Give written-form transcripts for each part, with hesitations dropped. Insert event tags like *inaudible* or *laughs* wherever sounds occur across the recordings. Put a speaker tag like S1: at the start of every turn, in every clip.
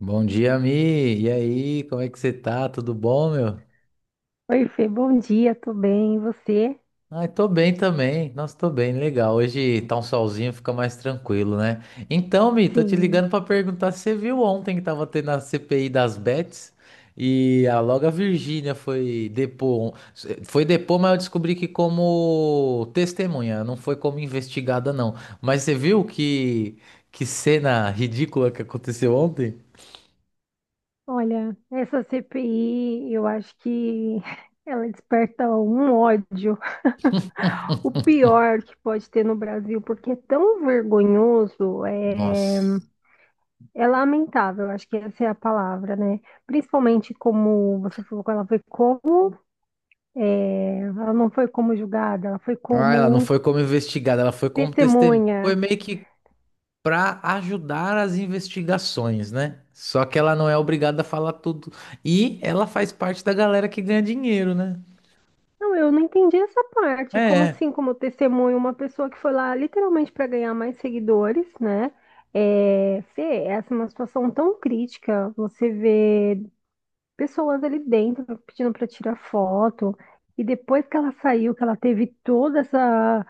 S1: Bom dia, Mi. E aí, como é que você tá? Tudo bom, meu?
S2: Oi, Fê, bom dia, tô bem, e você?
S1: Ai, tô bem também. Nossa, tô bem, legal. Hoje tá um solzinho, fica mais tranquilo, né? Então, Mi, tô te
S2: Sim,
S1: ligando pra perguntar se você viu ontem que tava tendo a CPI das bets e a loga Virgínia foi depor. Foi depor, mas eu descobri que como testemunha, não foi como investigada, não. Mas você viu que cena ridícula que aconteceu ontem?
S2: olha, essa CPI, eu acho que *laughs* ela desperta um ódio, o pior que pode ter no Brasil, porque é tão vergonhoso,
S1: Nossa.
S2: é lamentável, eu acho que essa é a palavra, né? Principalmente como você falou que ela foi como, ela não foi como julgada, ela foi
S1: Ah, ela não
S2: como
S1: foi como investigada, ela foi como testemunha. Foi
S2: testemunha.
S1: meio que para ajudar as investigações, né? Só que ela não é obrigada a falar tudo. E ela faz parte da galera que ganha dinheiro, né?
S2: Não, eu não entendi essa parte. Como
S1: É.
S2: assim, como testemunho, uma pessoa que foi lá literalmente para ganhar mais seguidores, né? É, Fê, essa é uma situação tão crítica. Você vê pessoas ali dentro pedindo para tirar foto, e depois que ela saiu, que ela teve toda essa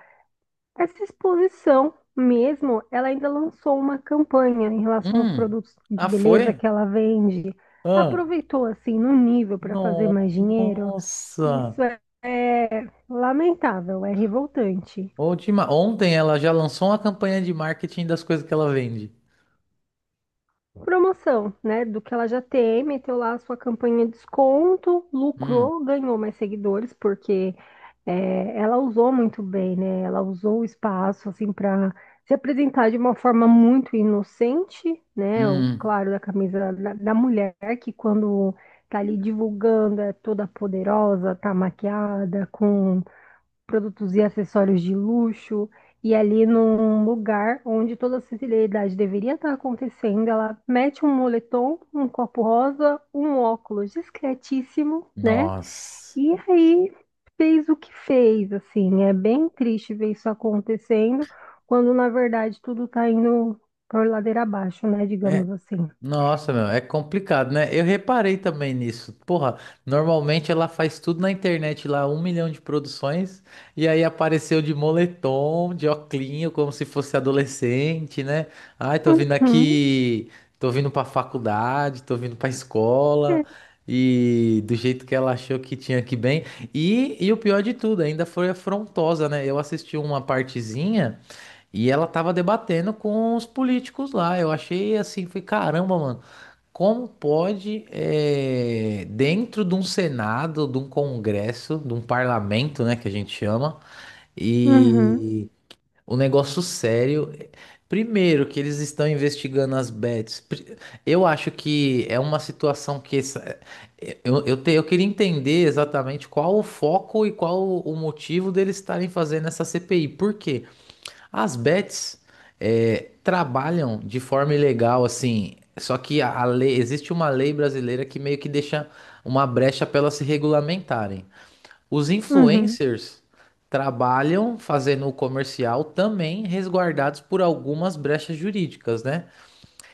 S2: essa exposição mesmo, ela ainda lançou uma campanha em relação aos
S1: Hum.
S2: produtos de
S1: Ah,
S2: beleza
S1: foi?
S2: que ela vende.
S1: Ah.
S2: Aproveitou assim no nível para fazer mais dinheiro.
S1: Nossa.
S2: Isso é lamentável, é revoltante.
S1: Última... Ontem ela já lançou uma campanha de marketing das coisas que ela vende.
S2: Promoção, né? Do que ela já tem, meteu lá a sua campanha de desconto,
S1: Hum.
S2: lucrou, ganhou mais seguidores, porque é, ela usou muito bem, né? Ela usou o espaço, assim, para se apresentar de uma forma muito inocente, né? O
S1: Hum.
S2: claro da camisa da mulher, que quando tá ali divulgando é toda poderosa, tá maquiada, com produtos e acessórios de luxo, e ali num lugar onde toda a sensibilidade deveria estar acontecendo, ela mete um moletom, um copo rosa, um óculos discretíssimo, né?
S1: Nossa.
S2: E aí fez o que fez, assim, é bem triste ver isso acontecendo, quando na verdade tudo tá indo por ladeira abaixo, né?
S1: É.
S2: Digamos assim.
S1: Nossa, meu, é complicado, né? Eu reparei também nisso. Porra, normalmente ela faz tudo na internet lá, um milhão de produções, e aí apareceu de moletom, de oclinho, como se fosse adolescente, né? Ai, tô vindo
S2: Uhum,
S1: aqui, tô vindo pra faculdade, tô vindo pra escola,
S2: é,
S1: e do jeito que ela achou que tinha que bem. E o pior de tudo, ainda foi afrontosa, né? Eu assisti uma partezinha e ela tava debatendo com os políticos lá. Eu achei assim, foi caramba, mano. Como pode, dentro de um Senado, de um Congresso, de um parlamento, né, que a gente chama,
S2: uhum,
S1: e o negócio sério. Primeiro, que eles estão investigando as bets. Eu acho que é uma situação eu queria entender exatamente qual o foco e qual o motivo deles estarem fazendo essa CPI. Por quê? As bets trabalham de forma ilegal, assim. Só que a lei, existe uma lei brasileira que meio que deixa uma brecha para elas se regulamentarem. Os
S2: uhum.
S1: influencers trabalham fazendo o comercial também resguardados por algumas brechas jurídicas, né?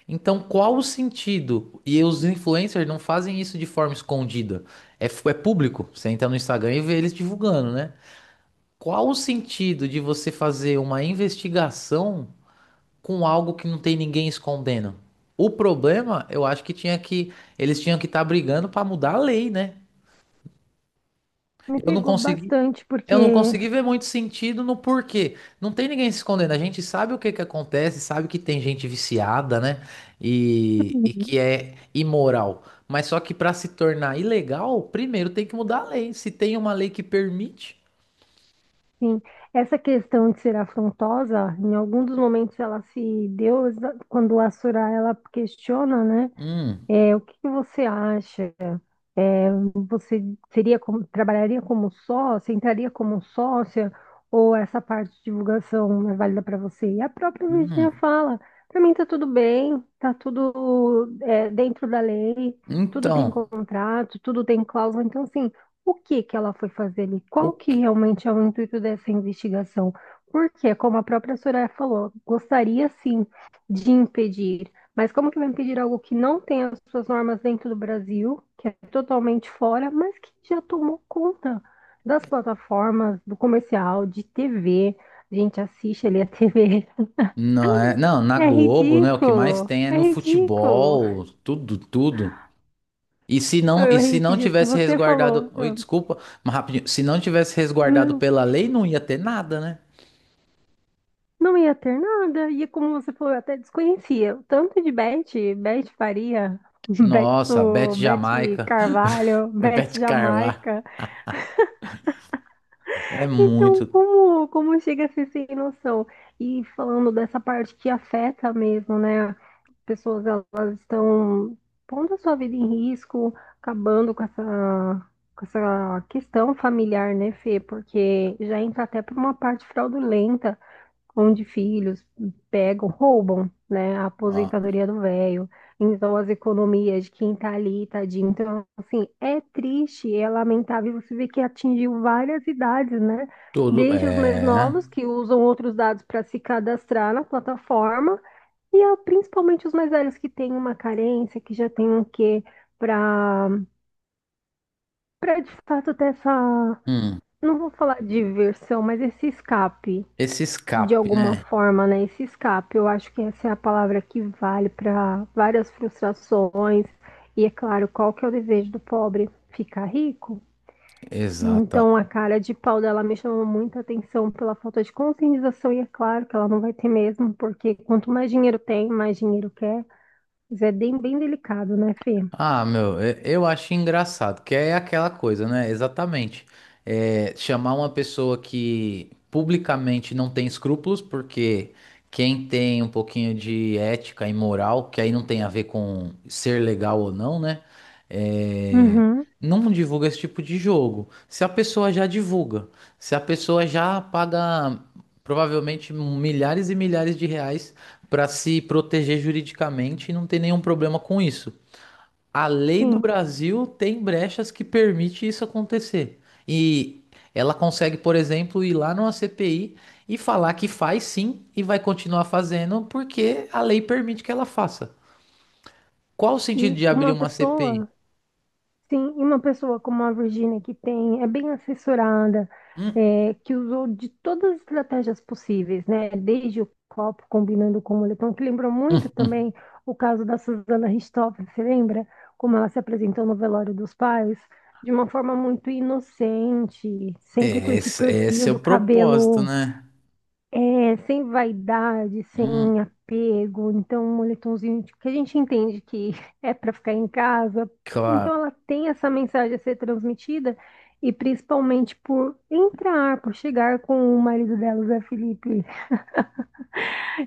S1: Então, qual o sentido? E os influencers não fazem isso de forma escondida. É, é público. Você entra no Instagram e vê eles divulgando, né? Qual o sentido de você fazer uma investigação com algo que não tem ninguém escondendo? O problema, eu acho que eles tinham que estar brigando para mudar a lei, né?
S2: Me
S1: Eu não
S2: pegou
S1: consegui,
S2: bastante porque
S1: eu não consegui ver muito sentido no porquê. Não tem ninguém se escondendo. A gente sabe o que que acontece, sabe que tem gente viciada, né? E que é imoral. Mas só que para se tornar ilegal, primeiro tem que mudar a lei. Se tem uma lei que permite,
S2: Sim, essa questão de ser afrontosa, em algum dos momentos ela se deu exa- quando a Surá ela questiona, né?
S1: hum,
S2: É, o que que você acha? Você seria como- trabalharia como sócia, entraria como sócia, ou essa parte de divulgação não é válida para você? E a própria
S1: hum.
S2: Virginia fala, para mim tá tudo bem, tá tudo é, dentro da lei, tudo tem
S1: Então,
S2: contrato, tudo tem cláusula, então assim, o que que ela foi fazer ali?
S1: o
S2: Qual que
S1: que
S2: realmente é o intuito dessa investigação? Porque, como a própria Soraya falou, gostaria sim de impedir, mas como que vai impedir algo que não tem as suas normas dentro do Brasil, que é totalmente fora, mas que já tomou conta das plataformas, do comercial, de TV? A gente assiste ali a TV. *laughs*
S1: não, não, na
S2: É
S1: Globo, né? O que mais
S2: ridículo!
S1: tem é
S2: É
S1: no
S2: ridículo!
S1: futebol, tudo, tudo. E se
S2: Eu,
S1: não, e
S2: eu ri
S1: se não
S2: esses dias que
S1: tivesse
S2: você
S1: resguardado,
S2: falou.
S1: oi,
S2: Eu,
S1: desculpa, mas rapidinho, se não tivesse resguardado
S2: não,
S1: pela lei, não ia ter nada, né?
S2: não ia ter nada. E como você falou, eu até desconhecia. O tanto de Beth, Beth Faria, *laughs*
S1: Nossa, Beth
S2: Beto, Beth
S1: Jamaica,
S2: Carvalho,
S1: *laughs*
S2: Beth
S1: Beth Carwá,
S2: Jamaica.
S1: é
S2: Então,
S1: muito,
S2: como chega a ser sem noção? E falando dessa parte que afeta mesmo, né? Pessoas elas estão pondo a sua vida em risco, acabando com essa questão familiar, né, Fê? Porque já entra até para uma parte fraudulenta, onde filhos pegam, roubam, né, a
S1: ó,
S2: aposentadoria do velho, então as economias de quem tá ali, tadinho. Então, assim, é triste, é lamentável você ver que atingiu várias idades, né?
S1: tudo,
S2: Desde os mais
S1: é,
S2: novos, que usam outros dados para se cadastrar na plataforma, e ah, principalmente os mais velhos que têm uma carência, que já têm um quê para para de fato ter essa,
S1: hum,
S2: não vou falar diversão, mas esse escape
S1: esse
S2: de
S1: escape,
S2: alguma
S1: né?
S2: forma, né? Esse escape, eu acho que essa é a palavra que vale para várias frustrações. E é claro, qual que é o desejo do pobre? Ficar rico.
S1: Exato.
S2: Então a cara de pau dela me chamou muita atenção pela falta de conscientização, e é claro que ela não vai ter mesmo, porque quanto mais dinheiro tem, mais dinheiro quer. Mas é bem delicado, né, Fê?
S1: Ah, meu, eu acho engraçado, que é aquela coisa, né? Exatamente. É, chamar uma pessoa que publicamente não tem escrúpulos, porque quem tem um pouquinho de ética e moral, que aí não tem a ver com ser legal ou não, né? É,
S2: Uhum,
S1: não divulga esse tipo de jogo. Se a pessoa já divulga, se a pessoa já paga provavelmente milhares e milhares de reais para se proteger juridicamente e não tem nenhum problema com isso. A lei do
S2: sim.
S1: Brasil tem brechas que permite isso acontecer. E ela consegue, por exemplo, ir lá numa CPI e falar que faz sim e vai continuar fazendo porque a lei permite que ela faça. Qual o sentido
S2: E
S1: de abrir
S2: uma
S1: uma CPI?
S2: pessoa, sim, e uma pessoa como a Virginia, que tem, é bem assessorada, é, que usou de todas as estratégias possíveis, né? Desde o copo combinando com o moletom, que lembrou muito
S1: Hum,
S2: também o caso da Susana Richthofen, você lembra? Como ela se apresentou no velório dos pais, de uma forma muito inocente, sempre com
S1: é,
S2: esse
S1: esse
S2: perfil
S1: é o
S2: do
S1: propósito,
S2: cabelo.
S1: né?
S2: É, sem vaidade,
S1: Hum,
S2: sem apego, então um moletomzinho que a gente entende que *laughs* é para ficar em casa.
S1: claro.
S2: Então ela tem essa mensagem a ser transmitida e principalmente por entrar, por chegar com o marido dela, o Zé Felipe,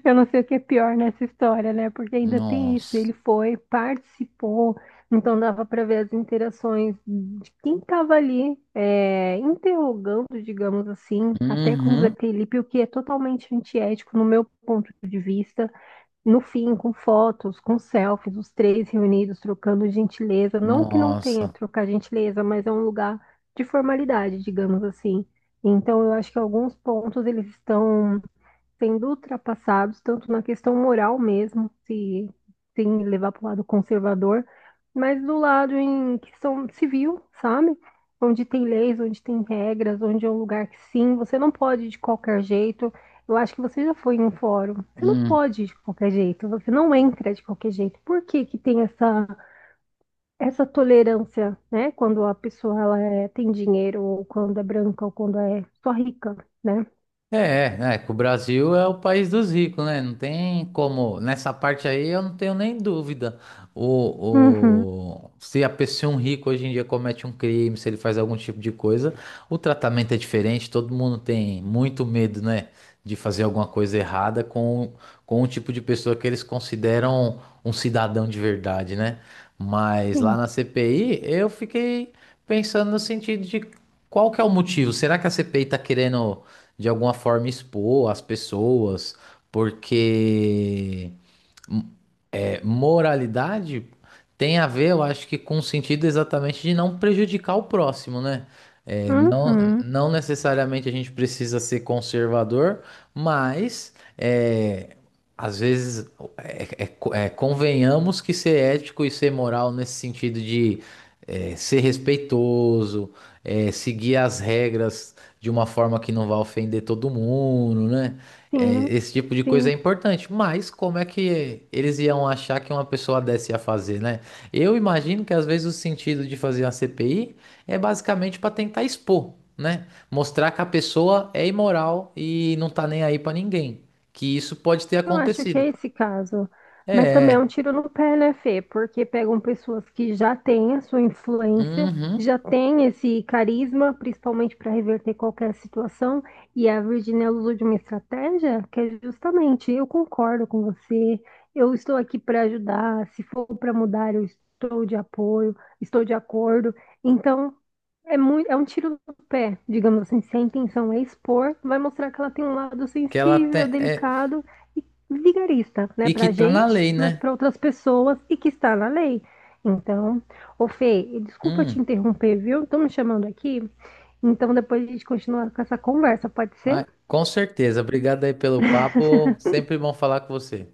S2: eu não sei o que é pior nessa história, né? Porque ainda tem isso.
S1: Nossa.
S2: Ele foi, participou, então dava para ver as interações de quem estava ali, é, interrogando, digamos assim, até com o Zé
S1: Uhum.
S2: Felipe, o que é totalmente antiético no meu ponto de vista. No fim, com fotos, com selfies, os três reunidos trocando gentileza. Não que não tenha que
S1: Nossa.
S2: trocar gentileza, mas é um lugar de formalidade, digamos assim. Então, eu acho que alguns pontos eles estão sendo ultrapassados, tanto na questão moral mesmo, se, sem levar para o lado conservador, mas do lado em questão civil, sabe? Onde tem leis, onde tem regras, onde é um lugar que sim, você não pode de qualquer jeito. Eu acho que você já foi em um fórum. Você não
S1: Hum.
S2: pode de qualquer jeito, você não entra de qualquer jeito. Por que que tem essa, essa tolerância, né? Quando a pessoa ela é- tem dinheiro, ou quando é branca, ou quando é só rica, né?
S1: Que o Brasil é o país dos ricos, né? Não tem como. Nessa parte aí eu não tenho nem dúvida.
S2: Uhum,
S1: Se a pessoa, um rico hoje em dia comete um crime, se ele faz algum tipo de coisa, o tratamento é diferente. Todo mundo tem muito medo, né? De fazer alguma coisa errada com o tipo de pessoa que eles consideram um cidadão de verdade, né? Mas lá
S2: sim.
S1: na CPI eu fiquei pensando no sentido de qual que é o motivo? Será que a CPI está querendo de alguma forma expor as pessoas, porque é, moralidade tem a ver, eu acho, que com o sentido exatamente de não prejudicar o próximo, né? É,
S2: Uhum.
S1: não necessariamente a gente precisa ser conservador, mas é, às vezes é, convenhamos que ser ético e ser moral nesse sentido de é, ser respeitoso, é, seguir as regras de uma forma que não vá ofender todo mundo, né? É,
S2: Sim,
S1: esse tipo de coisa é
S2: sim.
S1: importante, mas como é que eles iam achar que uma pessoa dessa ia fazer, né? Eu imagino que às vezes o sentido de fazer uma CPI é basicamente para tentar expor, né? Mostrar que a pessoa é imoral e não tá nem aí para ninguém, que isso pode ter
S2: Eu acho que
S1: acontecido.
S2: é esse caso. Mas também é um tiro no pé, né, Fê? Porque pegam pessoas que já têm a sua influência,
S1: Uhum,
S2: já têm esse carisma, principalmente para reverter qualquer situação, e a Virginia usou de uma estratégia que é justamente, eu concordo com você, eu estou aqui para ajudar, se for para mudar, eu estou de apoio, estou de acordo. Então, é muito, é um tiro no pé, digamos assim, se a intenção é expor, vai mostrar que ela tem um lado
S1: que ela tem,
S2: sensível,
S1: é,
S2: delicado e vigarista, né,
S1: e que
S2: pra
S1: tá na
S2: gente,
S1: lei,
S2: mas
S1: né?
S2: para outras pessoas e que está na lei. Então, ô Fê, desculpa te
S1: Hum,
S2: interromper, viu? Estão me chamando aqui. Então, depois a gente continua com essa conversa, pode ser?
S1: mas- com certeza. Obrigado aí pelo papo. Sempre bom falar com você.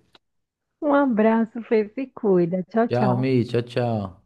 S2: Um abraço, Fê, se cuida. Tchau,
S1: Tchau,
S2: tchau.
S1: Mi. Tchau, tchau.